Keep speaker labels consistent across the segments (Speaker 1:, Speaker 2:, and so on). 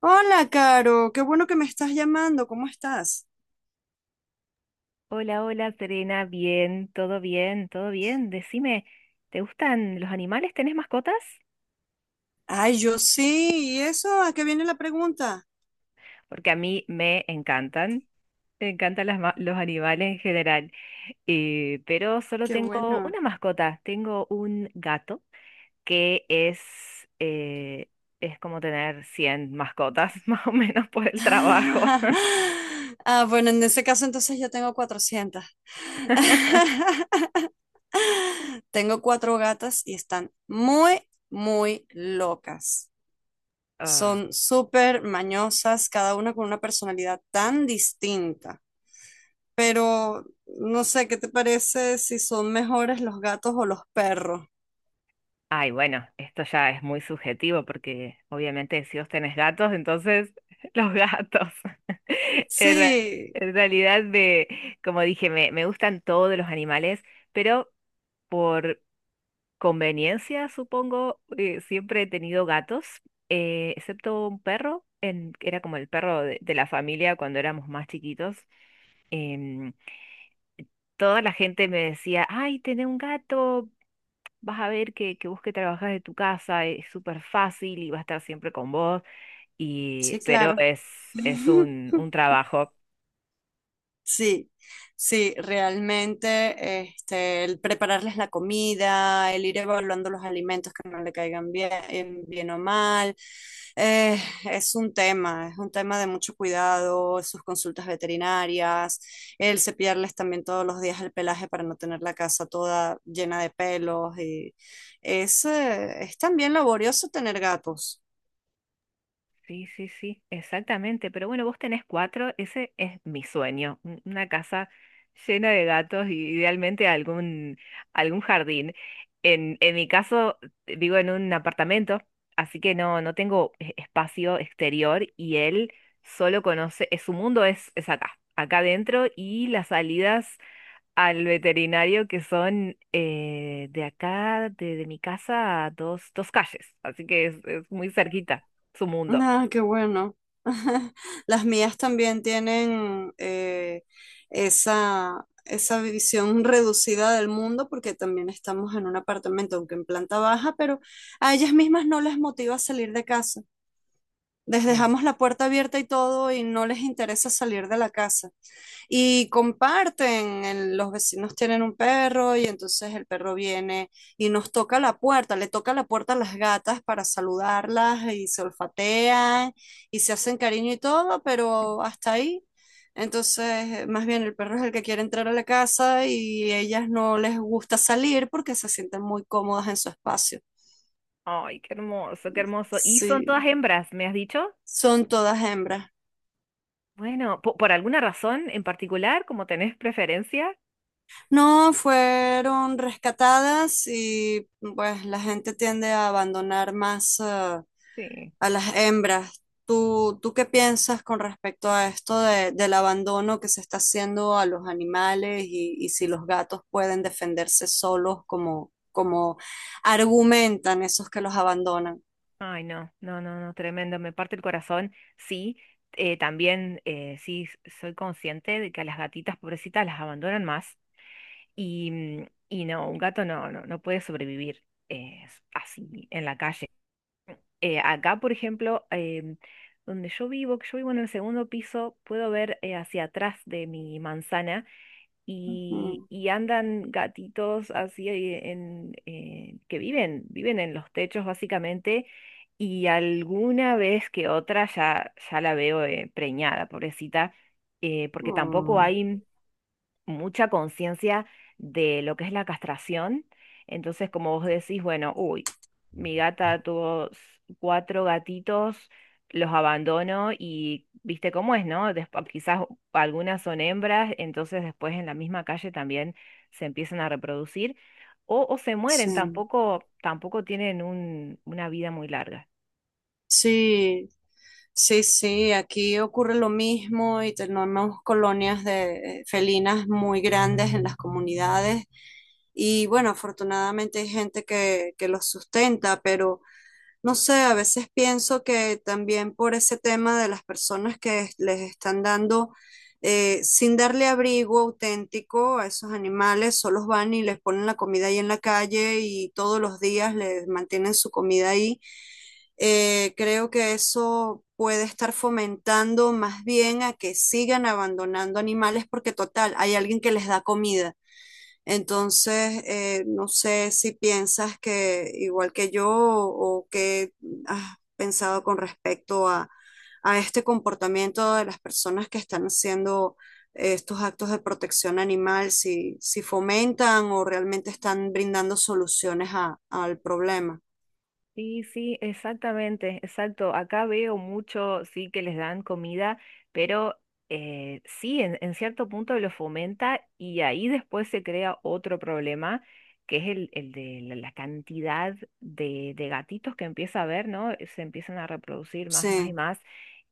Speaker 1: Hola, Caro, qué bueno que me estás llamando, ¿cómo estás?
Speaker 2: Hola, hola, Serena, bien, todo bien, todo bien. Decime, ¿te gustan los animales? ¿Tenés mascotas?
Speaker 1: Ay, yo sí, ¿y eso? ¿A qué viene la pregunta?
Speaker 2: Porque a mí me encantan las los animales en general. Pero solo
Speaker 1: Qué
Speaker 2: tengo
Speaker 1: bueno.
Speaker 2: una mascota, tengo un gato que eh, es como tener 100 mascotas, más o menos por el trabajo.
Speaker 1: Ah, bueno, en ese caso entonces yo tengo 400. Tengo cuatro gatas y están muy locas.
Speaker 2: Ah,
Speaker 1: Son súper mañosas, cada una con una personalidad tan distinta. Pero no sé, ¿qué te parece si son mejores los gatos o los perros?
Speaker 2: ay, bueno, esto ya es muy subjetivo porque obviamente si vos tenés gatos, entonces los gatos. En, re-
Speaker 1: Sí,
Speaker 2: en realidad, como dije, me gustan todos los animales, pero por conveniencia, supongo, siempre he tenido gatos, excepto un perro, que era como el perro de la familia cuando éramos más chiquitos. Em, Toda la gente me decía: ay, tenés un gato, vas a ver que vos, que trabajás de tu casa, es súper fácil y va a estar siempre con vos,
Speaker 1: sí,
Speaker 2: pero
Speaker 1: claro.
Speaker 2: es un trabajo.
Speaker 1: Sí, sí, realmente este, el prepararles la comida, el ir evaluando los alimentos que no le caigan bien, bien o mal, eh, es un tema de mucho cuidado, sus consultas veterinarias, el cepillarles también todos los días el pelaje para no tener la casa toda llena de pelos y es también laborioso tener gatos.
Speaker 2: Sí, sí, sí, exactamente. Pero bueno, vos tenés cuatro, ese es mi sueño, una casa llena de gatos y, idealmente, algún jardín. En mi caso, vivo en un apartamento, así que no tengo espacio exterior, y él solo conoce, su mundo es acá adentro, y las salidas al veterinario, que son, de acá, de mi casa, a dos calles. Así que es muy cerquita su mundo.
Speaker 1: Ah, qué bueno. Las mías también tienen esa visión reducida del mundo porque también estamos en un apartamento, aunque en planta baja, pero a ellas mismas no les motiva salir de casa. Les
Speaker 2: Mm.
Speaker 1: dejamos la puerta abierta y todo y no les interesa salir de la casa. Y comparten, los vecinos tienen un perro y entonces el perro viene y nos toca la puerta, le toca la puerta a las gatas para saludarlas y se olfatean y se hacen cariño y todo, pero hasta ahí. Entonces, más bien el perro es el que quiere entrar a la casa y ellas no les gusta salir porque se sienten muy cómodas en su espacio.
Speaker 2: Ay, qué hermoso, qué hermoso. ¿Y son todas
Speaker 1: Sí,
Speaker 2: hembras, me has dicho?
Speaker 1: son todas hembras.
Speaker 2: Bueno, ¿por alguna razón en particular, como tenés preferencia?
Speaker 1: No, fueron rescatadas y pues la gente tiende a abandonar más ah,
Speaker 2: Sí.
Speaker 1: a las hembras. ¿Tú qué piensas con respecto a esto del abandono que se está haciendo a los animales y si los gatos pueden defenderse solos como, como argumentan esos que los abandonan?
Speaker 2: Ay, no, no, no, no, tremendo, me parte el corazón. Sí, también, sí, soy consciente de que a las gatitas pobrecitas las abandonan más. Y no, un gato no puede sobrevivir, eh, así, en la calle. Acá, por ejemplo, donde yo vivo, que yo vivo en el segundo piso, puedo ver, hacia atrás de mi manzana, y,
Speaker 1: Mm,
Speaker 2: y andan gatitos así, que viven en los techos, básicamente. Y alguna vez que otra, ya la veo, preñada, pobrecita, porque tampoco
Speaker 1: mm,
Speaker 2: hay mucha conciencia de lo que es la castración. Entonces, como vos decís, bueno, uy, mi gata tuvo cuatro gatitos, los abandono y viste cómo es, ¿no? Quizás algunas son hembras, entonces después en la misma calle también se empiezan a reproducir o se mueren;
Speaker 1: sí,
Speaker 2: tampoco tienen una vida muy larga.
Speaker 1: sí, sí, sí, aquí ocurre lo mismo y tenemos colonias de felinas muy grandes en las comunidades y bueno, afortunadamente hay gente que los sustenta, pero no sé, a veces pienso que también por ese tema de las personas que les están dando, sin darle abrigo auténtico a esos animales, solo van y les ponen la comida ahí en la calle y todos los días les mantienen su comida ahí creo que eso puede estar fomentando más bien a que sigan abandonando animales porque total, hay alguien que les da comida. Entonces, no sé si piensas que igual que yo o qué has pensado con respecto a este comportamiento de las personas que están haciendo estos actos de protección animal, si, si fomentan o realmente están brindando soluciones al problema.
Speaker 2: Sí, sí, exactamente, exacto. Acá veo mucho, sí, que les dan comida, pero, sí, en cierto punto lo fomenta, y ahí después se crea otro problema, que es el de la cantidad de gatitos que empieza a haber, ¿no? Se empiezan a reproducir más, más y
Speaker 1: Sí,
Speaker 2: más.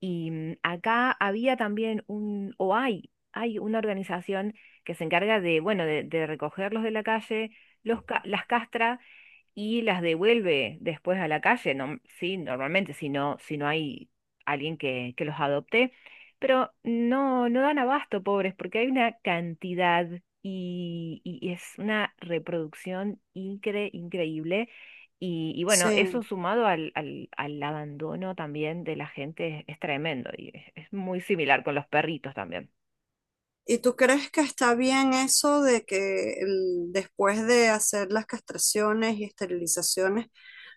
Speaker 2: Y acá había también o hay una organización que se encarga de, bueno, de recogerlos de la calle, las castras y las devuelve después a la calle. No, sí, normalmente, si no hay alguien que los adopte, pero no dan abasto, pobres, porque hay una cantidad, y es una reproducción increíble. Y bueno, eso
Speaker 1: sí.
Speaker 2: sumado al abandono también de la gente es tremendo, y es muy similar con los perritos también.
Speaker 1: ¿Y tú crees que está bien eso de que después de hacer las castraciones y esterilizaciones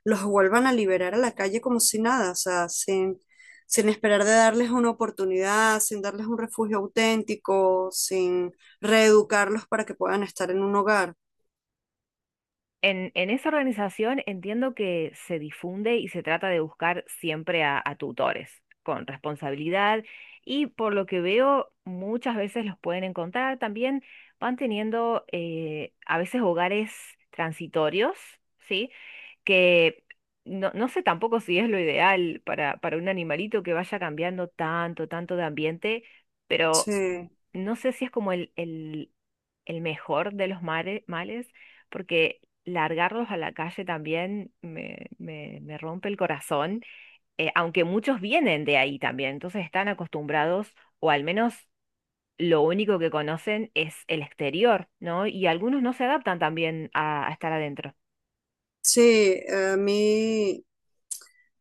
Speaker 1: los vuelvan a liberar a la calle como si nada, o sea, sin, sin esperar de darles una oportunidad, sin darles un refugio auténtico, sin reeducarlos para que puedan estar en un hogar?
Speaker 2: En esa organización entiendo que se difunde y se trata de buscar siempre a tutores con responsabilidad, y por lo que veo muchas veces los pueden encontrar. También van teniendo, a veces, hogares transitorios, ¿sí? Que no sé tampoco si es lo ideal para un animalito que vaya cambiando tanto, tanto de ambiente, pero
Speaker 1: Sí,
Speaker 2: no sé si es como el mejor de los males, porque largarlos a la calle también me rompe el corazón, aunque muchos vienen de ahí también, entonces están acostumbrados, o al menos lo único que conocen es el exterior, ¿no? Y algunos no se adaptan también a estar adentro.
Speaker 1: sí, a mí,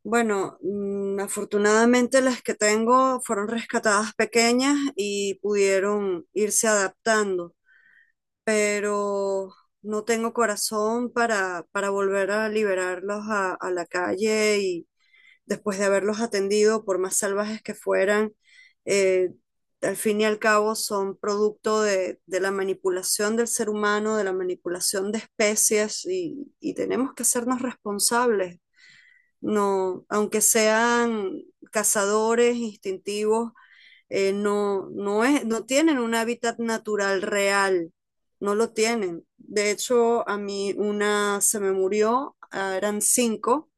Speaker 1: bueno, mm, afortunadamente las que tengo fueron rescatadas pequeñas y pudieron irse adaptando. Pero no tengo corazón para volver a liberarlos a la calle y después de haberlos atendido, por más salvajes que fueran, eh, al fin y al cabo son producto de la manipulación del ser humano, de la manipulación de especies y tenemos que hacernos responsables. No, aunque sean cazadores instintivos, no, no, es, no tienen un hábitat natural real, no lo tienen. De hecho, a mí una se me murió, ah, eran cinco,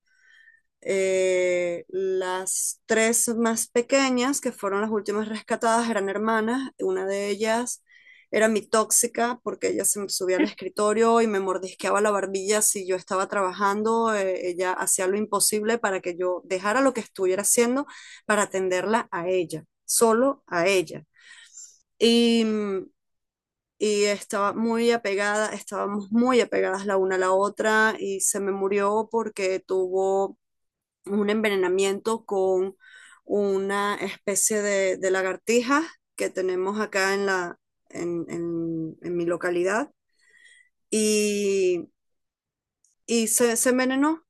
Speaker 1: las tres más pequeñas, que fueron las últimas rescatadas, eran hermanas. Una de ellas era mi tóxica porque ella se me subía al escritorio y me mordisqueaba la barbilla si yo estaba trabajando. Ella hacía lo imposible para que yo dejara lo que estuviera haciendo para atenderla a ella, solo a ella. Y, mm, y estaba muy apegada, estábamos muy apegadas la una a la otra y se me murió porque tuvo un envenenamiento con una especie de lagartijas que tenemos acá en la, en, en mi localidad y, y se envenenó.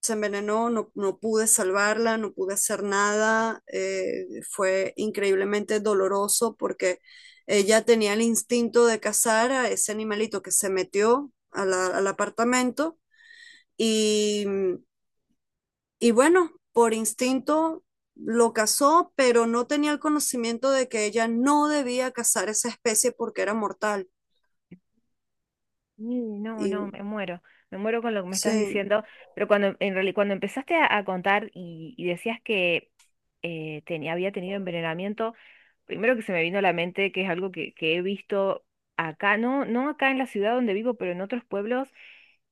Speaker 1: Se envenenó, no, no pude salvarla, no pude hacer nada. Fue increíblemente doloroso porque ella tenía el instinto de cazar a ese animalito que se metió a al apartamento y, Y bueno, por instinto lo cazó, pero no tenía el conocimiento de que ella no debía cazar esa especie porque era mortal.
Speaker 2: Y no, no,
Speaker 1: Y
Speaker 2: me muero con lo que me estás
Speaker 1: sí,
Speaker 2: diciendo, pero cuando empezaste a contar y decías que, había tenido envenenamiento, primero que se me vino a la mente, que es algo que he visto acá, no acá en la ciudad donde vivo, pero en otros pueblos.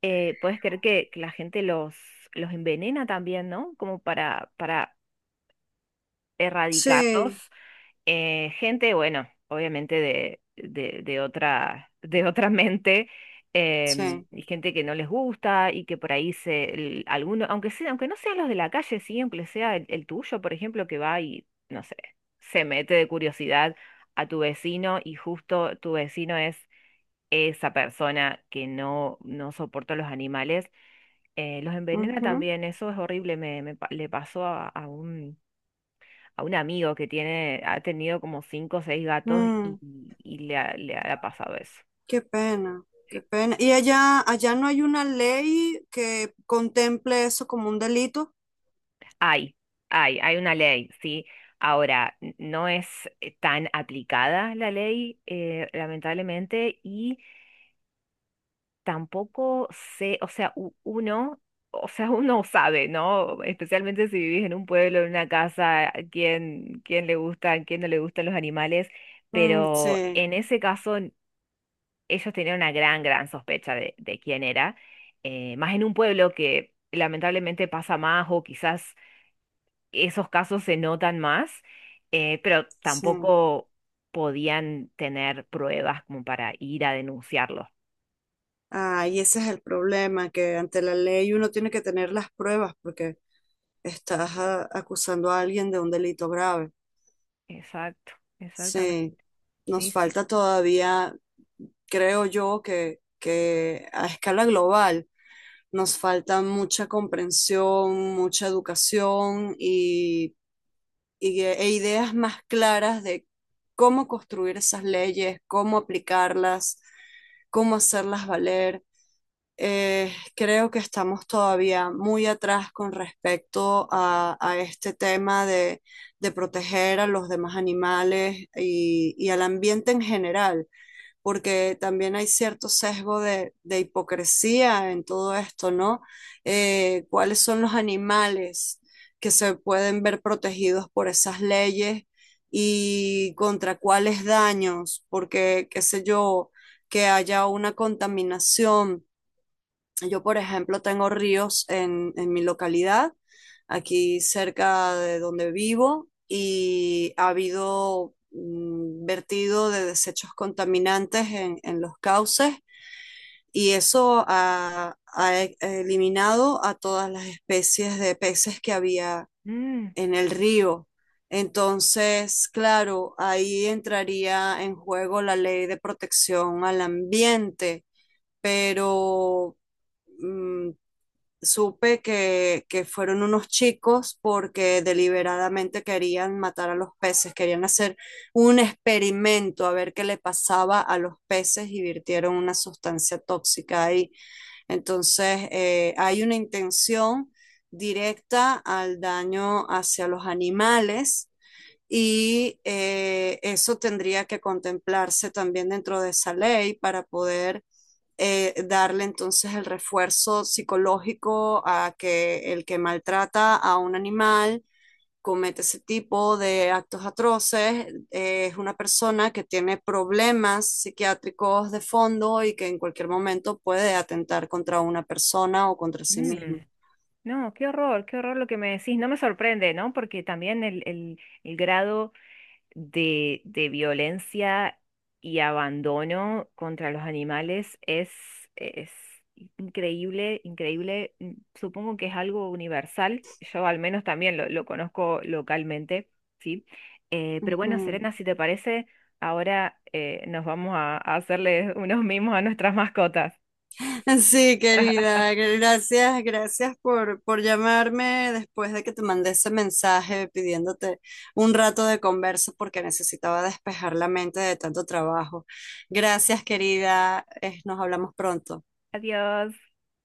Speaker 2: ¿Puedes creer que la gente los envenena también? ¿No? Como para
Speaker 1: sí,
Speaker 2: erradicarlos, gente, bueno, obviamente de otra, de otra mente,
Speaker 1: sí.
Speaker 2: y gente que no les gusta, y que por ahí, alguno, aunque sea, aunque no sean los de la calle, siempre sea el tuyo, por ejemplo, que va y, no sé, se mete de curiosidad a tu vecino, y justo tu vecino es esa persona que no soporta los animales, los envenena
Speaker 1: Ujú,
Speaker 2: también. Eso es horrible, le pasó a un amigo que tiene, ha tenido como cinco o seis gatos, y,
Speaker 1: mm,
Speaker 2: y le ha pasado eso.
Speaker 1: qué pena,
Speaker 2: Sí.
Speaker 1: qué pena. ¿Y allá, allá no hay una ley que contemple eso como un delito?
Speaker 2: Hay, hay una ley, ¿sí? Ahora, no es, tan aplicada la ley, lamentablemente, y tampoco sé, o sea, o sea, uno sabe, ¿no? Especialmente si vivís en un pueblo, en una casa, quién le gustan, quién no le gustan los animales.
Speaker 1: Mm,
Speaker 2: Pero
Speaker 1: sí,
Speaker 2: en ese caso ellos tenían una gran, gran sospecha de quién era, más en un pueblo, que lamentablemente pasa más, o quizás esos casos se notan más, pero
Speaker 1: sí.
Speaker 2: tampoco podían tener pruebas como para ir a denunciarlo.
Speaker 1: Ah, y ese es el problema, que ante la ley uno tiene que tener las pruebas porque estás ah, acusando a alguien de un delito grave.
Speaker 2: Exacto, exactamente,
Speaker 1: Sí,
Speaker 2: sí,
Speaker 1: nos
Speaker 2: sí.
Speaker 1: falta todavía, creo yo, que a escala global nos falta mucha comprensión, mucha educación y, e ideas más claras de cómo construir esas leyes, cómo aplicarlas, cómo hacerlas valer. Creo que estamos todavía muy atrás con respecto a este tema de proteger a los demás animales y al ambiente en general, porque también hay cierto sesgo de hipocresía en todo esto, ¿no? ¿Cuáles son los animales que se pueden ver protegidos por esas leyes y contra cuáles daños? Porque, qué sé yo, que haya una contaminación yo, por ejemplo, tengo ríos en mi localidad, aquí cerca de donde vivo, y ha habido mm, vertido de desechos contaminantes en los cauces y eso ha, eliminado a todas las especies de peces que había
Speaker 2: Mm,
Speaker 1: en el río. Entonces, claro, ahí entraría en juego la ley de protección al ambiente, pero mm, supe que fueron unos chicos porque deliberadamente querían matar a los peces, querían hacer un experimento a ver qué le pasaba a los peces y virtieron una sustancia tóxica ahí. Entonces, hay una intención directa al daño hacia los animales y eso tendría que contemplarse también dentro de esa ley para poder darle entonces el refuerzo psicológico a que el que maltrata a un animal comete ese tipo de actos atroces, es una persona que tiene problemas psiquiátricos de fondo y que en cualquier momento puede atentar contra una persona o contra sí
Speaker 2: mm.
Speaker 1: mismo.
Speaker 2: No, qué horror lo que me decís. No me sorprende, ¿no? Porque también el grado de violencia y abandono contra los animales es increíble, increíble. Supongo que es algo universal. Yo al menos también lo conozco localmente, ¿sí?
Speaker 1: Uh
Speaker 2: Pero bueno,
Speaker 1: -huh.
Speaker 2: Serena, si te parece, ahora, nos vamos a hacerle unos mimos a nuestras mascotas.
Speaker 1: Sí, querida, gracias, gracias por llamarme después de que te mandé ese mensaje pidiéndote un rato de conversa porque necesitaba despejar la mente de tanto trabajo. Gracias, querida, nos hablamos pronto.
Speaker 2: Adiós.